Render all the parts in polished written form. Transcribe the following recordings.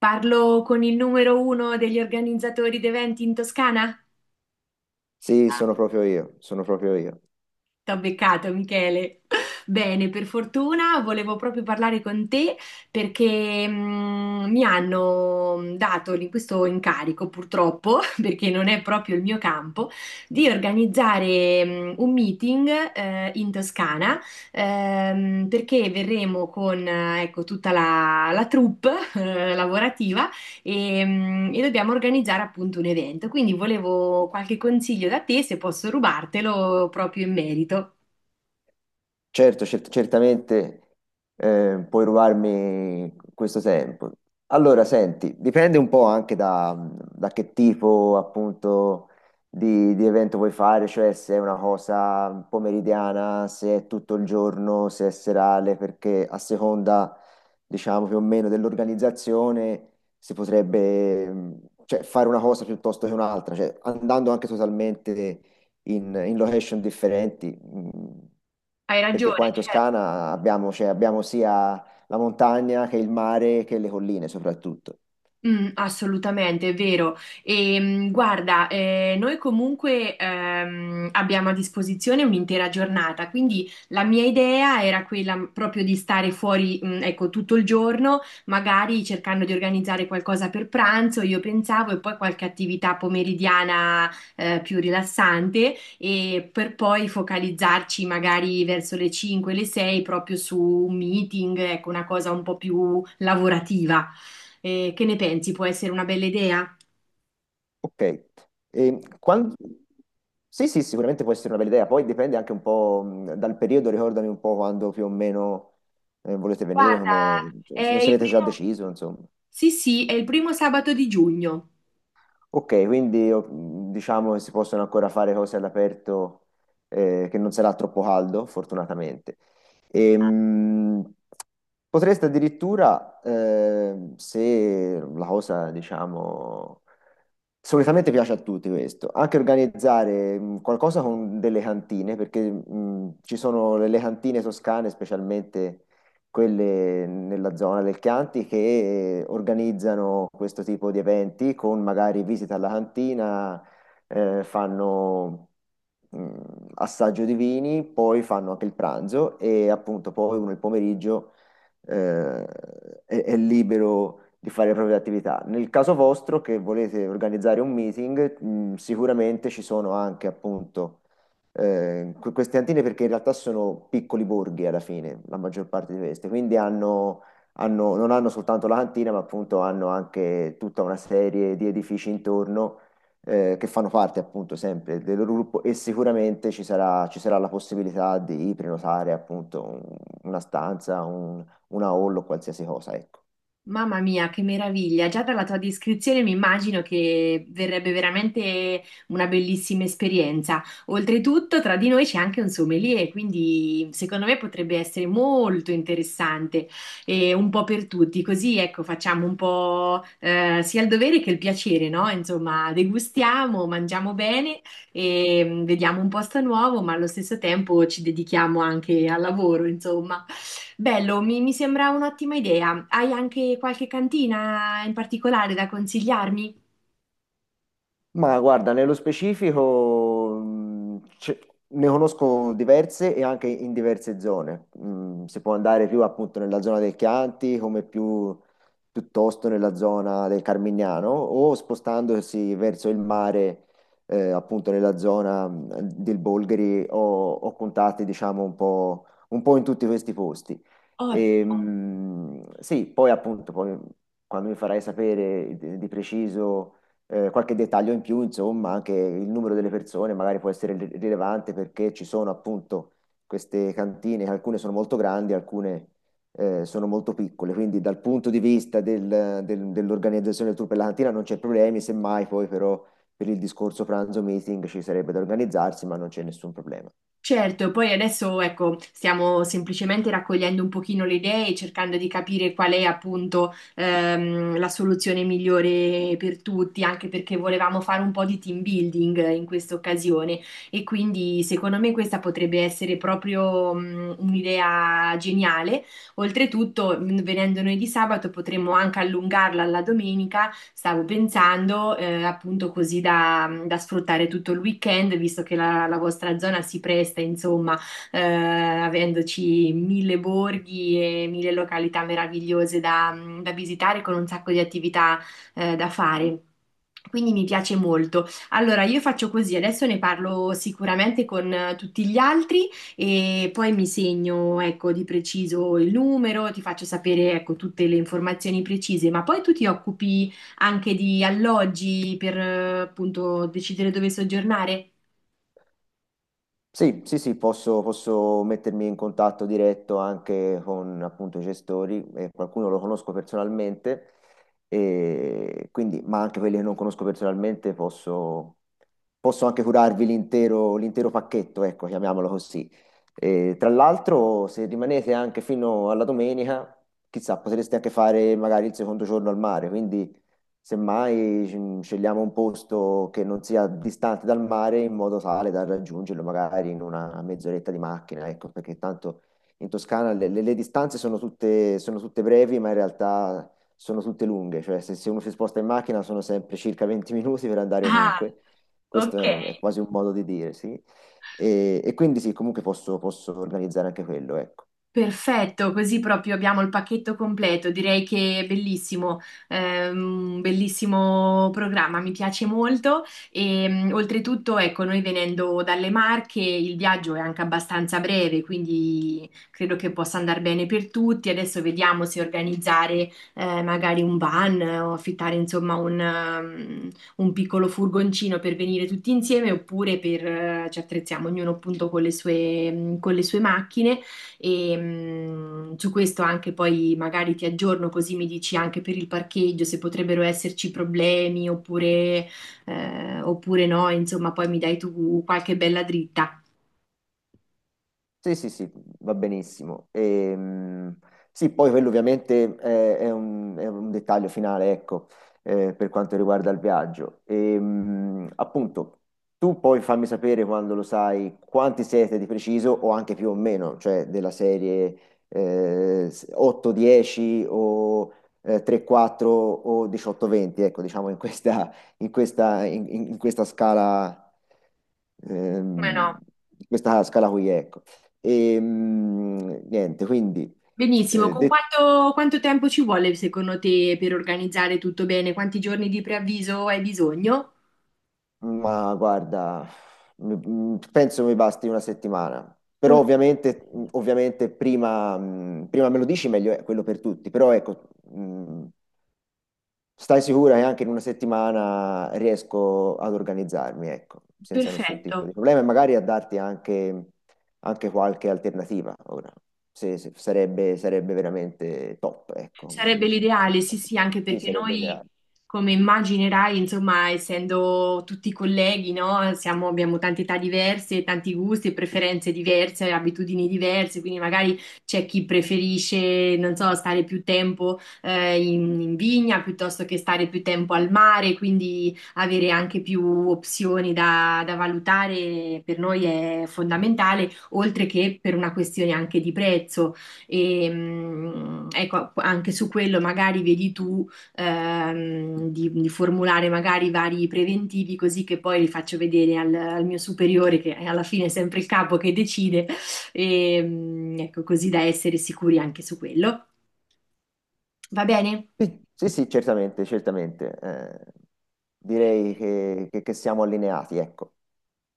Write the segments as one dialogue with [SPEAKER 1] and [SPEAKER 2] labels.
[SPEAKER 1] Parlo con il numero uno degli organizzatori d'eventi in Toscana?
[SPEAKER 2] Sì, sono proprio io, sono proprio io.
[SPEAKER 1] T'ho beccato, Michele. Bene, per fortuna volevo proprio parlare con te perché mi hanno dato lì questo incarico, purtroppo, perché non è proprio il mio campo, di organizzare un meeting in Toscana, perché verremo con ecco, tutta la troupe lavorativa e dobbiamo organizzare appunto un evento. Quindi volevo qualche consiglio da te, se posso rubartelo proprio in merito.
[SPEAKER 2] Certo, certamente puoi rubarmi questo tempo. Allora, senti, dipende un po' anche da che tipo appunto di evento vuoi fare, cioè se è una cosa pomeridiana, se è tutto il giorno, se è serale, perché a seconda, diciamo, più o meno dell'organizzazione si potrebbe cioè, fare una cosa piuttosto che un'altra, cioè andando anche totalmente in location differenti,
[SPEAKER 1] Hai
[SPEAKER 2] perché
[SPEAKER 1] ragione,
[SPEAKER 2] qua in
[SPEAKER 1] certo.
[SPEAKER 2] Toscana abbiamo, cioè, abbiamo sia la montagna che il mare che le colline soprattutto.
[SPEAKER 1] Mm, assolutamente, è vero. Guarda, noi comunque abbiamo a disposizione un'intera giornata, quindi la mia idea era quella proprio di stare fuori, mm, ecco, tutto il giorno, magari cercando di organizzare qualcosa per pranzo, io pensavo, e poi qualche attività pomeridiana più rilassante, e per poi focalizzarci magari verso le 5, le 6 proprio su un meeting, ecco, una cosa un po' più lavorativa. Che ne pensi? Può essere una bella idea?
[SPEAKER 2] Ok. E quan- Sì, sì, sicuramente può essere una bella idea, poi dipende anche un po' dal periodo, ricordami un po' quando più o meno volete venire,
[SPEAKER 1] Guarda, è
[SPEAKER 2] cioè, se
[SPEAKER 1] il
[SPEAKER 2] avete già
[SPEAKER 1] primo...
[SPEAKER 2] deciso, insomma.
[SPEAKER 1] Sì, sì, è il primo sabato di giugno.
[SPEAKER 2] Ok, quindi io, diciamo che si possono ancora fare cose all'aperto, che non sarà troppo caldo, fortunatamente. Ehm, Potreste addirittura, se la cosa, diciamo, solitamente piace a tutti questo, anche organizzare qualcosa con delle cantine, perché ci sono le cantine toscane, specialmente quelle nella zona del Chianti, che organizzano questo tipo di eventi con magari visita alla cantina, fanno mh, assaggio di vini, poi fanno anche il pranzo e appunto poi uno il pomeriggio eh, è libero di fare le proprie attività. Nel caso vostro, che volete organizzare un meeting, sicuramente ci sono anche appunto que- queste antine perché in realtà sono piccoli borghi alla fine, la maggior parte di queste, quindi hanno, hanno- non hanno soltanto la cantina, ma appunto hanno anche tutta una serie di edifici intorno. Che fanno parte appunto sempre del loro gruppo e sicuramente ci sarà la possibilità di prenotare appunto un- una stanza, un una haul o qualsiasi cosa, ecco.
[SPEAKER 1] Mamma mia, che meraviglia! Già dalla tua descrizione mi immagino che verrebbe veramente una bellissima esperienza. Oltretutto, tra di noi c'è anche un sommelier, quindi secondo me potrebbe essere molto interessante e un po' per tutti. Così, ecco, facciamo un po' sia il dovere che il piacere, no? Insomma, degustiamo, mangiamo bene e vediamo un posto nuovo, ma allo stesso tempo ci dedichiamo anche al lavoro, insomma. Bello, mi sembra un'ottima idea. Hai anche qualche cantina in particolare da consigliarmi?
[SPEAKER 2] Ma guarda, nello specifico ce- ne conosco diverse e anche in diverse zone. Mm, si può andare più appunto nella zona del Chianti, come più piuttosto nella zona del Carmignano, o spostandosi verso il mare, appunto nella zona del Bolgheri, ho, ho contatti, diciamo, un po' in tutti questi posti.
[SPEAKER 1] Oh.
[SPEAKER 2] E, sì, poi appunto, poi, quando mi farai sapere di preciso qualche dettaglio in più, insomma, anche il numero delle persone magari può essere ri- rilevante perché ci sono appunto queste cantine, alcune sono molto grandi, alcune sono molto piccole, quindi dal punto di vista del- del- dell'organizzazione del tour per la cantina non c'è problemi, semmai poi però per il discorso pranzo meeting ci sarebbe da organizzarsi, ma non c'è nessun problema.
[SPEAKER 1] Certo, poi adesso ecco, stiamo semplicemente raccogliendo un pochino le idee e cercando di capire qual è appunto la soluzione migliore per tutti, anche perché volevamo fare un po' di team building in questa occasione e quindi secondo me questa potrebbe essere proprio un'idea geniale. Oltretutto, venendo noi di sabato, potremmo anche allungarla alla domenica, stavo pensando, appunto così da sfruttare tutto il weekend, visto che la vostra zona si presta, insomma, avendoci mille borghi e mille località meravigliose da visitare con un sacco di attività, da fare. Quindi mi piace molto. Allora, io faccio così, adesso ne parlo sicuramente con tutti gli altri e poi mi segno, ecco, di preciso il numero, ti faccio sapere, ecco, tutte le informazioni precise, ma poi tu ti occupi anche di alloggi per appunto decidere dove soggiornare?
[SPEAKER 2] Sì, sì, sì, posso, posso mettermi in contatto diretto anche con appunto i gestori, qualcuno lo conosco personalmente, e quindi, ma anche quelli che non conosco personalmente posso, posso anche curarvi l'intero l'intero pacchetto, ecco, chiamiamolo così. E, tra l'altro, se rimanete anche fino alla domenica, chissà, potreste anche fare magari il secondo giorno al mare, quindi Semmai mm, scegliamo un posto che non sia distante dal mare in modo tale da raggiungerlo magari in una mezz'oretta di macchina, ecco, perché tanto in Toscana le distanze sono tutte brevi, ma in realtà sono tutte lunghe, cioè se, se uno si sposta in macchina sono sempre circa 20 minuti per andare
[SPEAKER 1] Ah,
[SPEAKER 2] ovunque, questo
[SPEAKER 1] ok.
[SPEAKER 2] è, un- è quasi un modo di dire, sì. E quindi sì, comunque posso, posso organizzare anche quello, ecco.
[SPEAKER 1] Perfetto, così proprio abbiamo il pacchetto completo. Direi che è bellissimo, bellissimo programma, mi piace molto. E oltretutto, ecco, noi venendo dalle Marche, il viaggio è anche abbastanza breve, quindi credo che possa andare bene per tutti. Adesso vediamo se organizzare magari un van o affittare insomma un piccolo furgoncino per venire tutti insieme oppure per, ci attrezziamo ognuno appunto con le sue macchine e su questo anche poi magari ti aggiorno così mi dici anche per il parcheggio se potrebbero esserci problemi oppure, oppure no, insomma, poi mi dai tu qualche bella dritta.
[SPEAKER 2] Sì, sì, sì, va benissimo. Sì, poi quello ovviamente è un, "è". Un dettaglio finale, ecco, per quanto riguarda il viaggio. Appunto, tu poi fammi sapere quando lo sai quanti siete di preciso o anche più o meno, cioè della serie 8-10 o 3-4 o 18-20, ecco, diciamo in questa, in questa, in in-
[SPEAKER 1] Come
[SPEAKER 2] ehm,
[SPEAKER 1] no?
[SPEAKER 2] in questa scala qui, ecco. E niente, quindi
[SPEAKER 1] Benissimo, con
[SPEAKER 2] detto,
[SPEAKER 1] quanto, quanto tempo ci vuole secondo te per organizzare tutto bene? Quanti giorni di preavviso hai bisogno?
[SPEAKER 2] ma guarda, mi- penso mi basti una settimana. Però
[SPEAKER 1] Un-
[SPEAKER 2] ovviamente, ovviamente prima, prima me lo dici meglio è quello per tutti. Però ecco, stai sicura che anche in una settimana riesco ad organizzarmi, ecco, senza nessun tipo
[SPEAKER 1] Perfetto.
[SPEAKER 2] di problema e magari a darti anche, anche qualche alternativa ora. Se, se- sarebbe, sarebbe veramente top, ecco, come si
[SPEAKER 1] Sarebbe
[SPEAKER 2] dice.
[SPEAKER 1] l'ideale, sì, sì, anche
[SPEAKER 2] Sì,
[SPEAKER 1] perché
[SPEAKER 2] sarebbe
[SPEAKER 1] noi,
[SPEAKER 2] ideale.
[SPEAKER 1] come immaginerai, insomma, essendo tutti colleghi, no? Abbiamo tante età diverse, tanti gusti e preferenze diverse, abitudini diverse, quindi magari c'è chi preferisce, non so, stare più tempo in, in vigna piuttosto che stare più tempo al mare, quindi avere anche più opzioni da valutare per noi è fondamentale, oltre che per una questione anche di prezzo ecco, anche su quello magari vedi tu di formulare magari vari preventivi così che poi li faccio vedere al mio superiore, che alla fine è sempre il capo che decide, ecco, così da essere sicuri anche su quello. Va bene?
[SPEAKER 2] Sì, sì, sì, certamente, certamente. Direi che siamo allineati, ecco.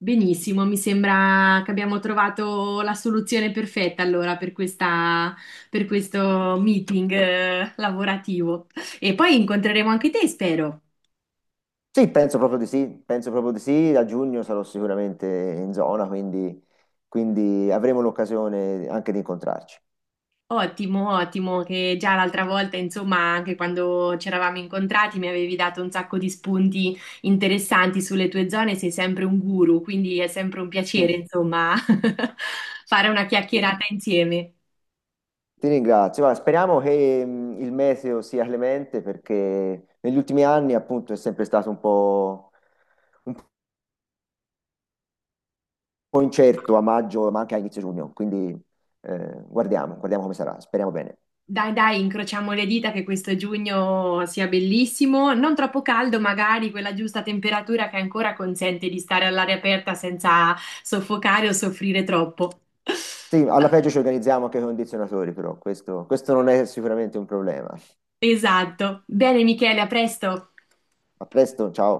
[SPEAKER 1] Benissimo, mi sembra che abbiamo trovato la soluzione perfetta allora per questa, per questo meeting lavorativo. E poi incontreremo anche te, spero.
[SPEAKER 2] Sì, penso proprio di sì, penso proprio di sì. A giugno sarò sicuramente in zona, quindi, quindi avremo l'occasione anche di incontrarci.
[SPEAKER 1] Ottimo, ottimo, che già l'altra volta, insomma, anche quando ci eravamo incontrati mi avevi dato un sacco di spunti interessanti sulle tue zone, sei sempre un guru, quindi è sempre un piacere, insomma, fare una
[SPEAKER 2] Sì,
[SPEAKER 1] chiacchierata insieme.
[SPEAKER 2] Ti ringrazio. Guarda, speriamo che il meteo sia clemente perché negli ultimi anni appunto è sempre stato un po' incerto a maggio, ma anche a inizio giugno. Quindi guardiamo, guardiamo come sarà. Speriamo bene.
[SPEAKER 1] Dai, dai, incrociamo le dita che questo giugno sia bellissimo, non troppo caldo, magari quella giusta temperatura che ancora consente di stare all'aria aperta senza soffocare o soffrire troppo.
[SPEAKER 2] Sì, alla peggio ci organizziamo anche con i condizionatori, però questo non è sicuramente un problema.
[SPEAKER 1] Esatto. Bene, Michele, a presto.
[SPEAKER 2] A presto, ciao.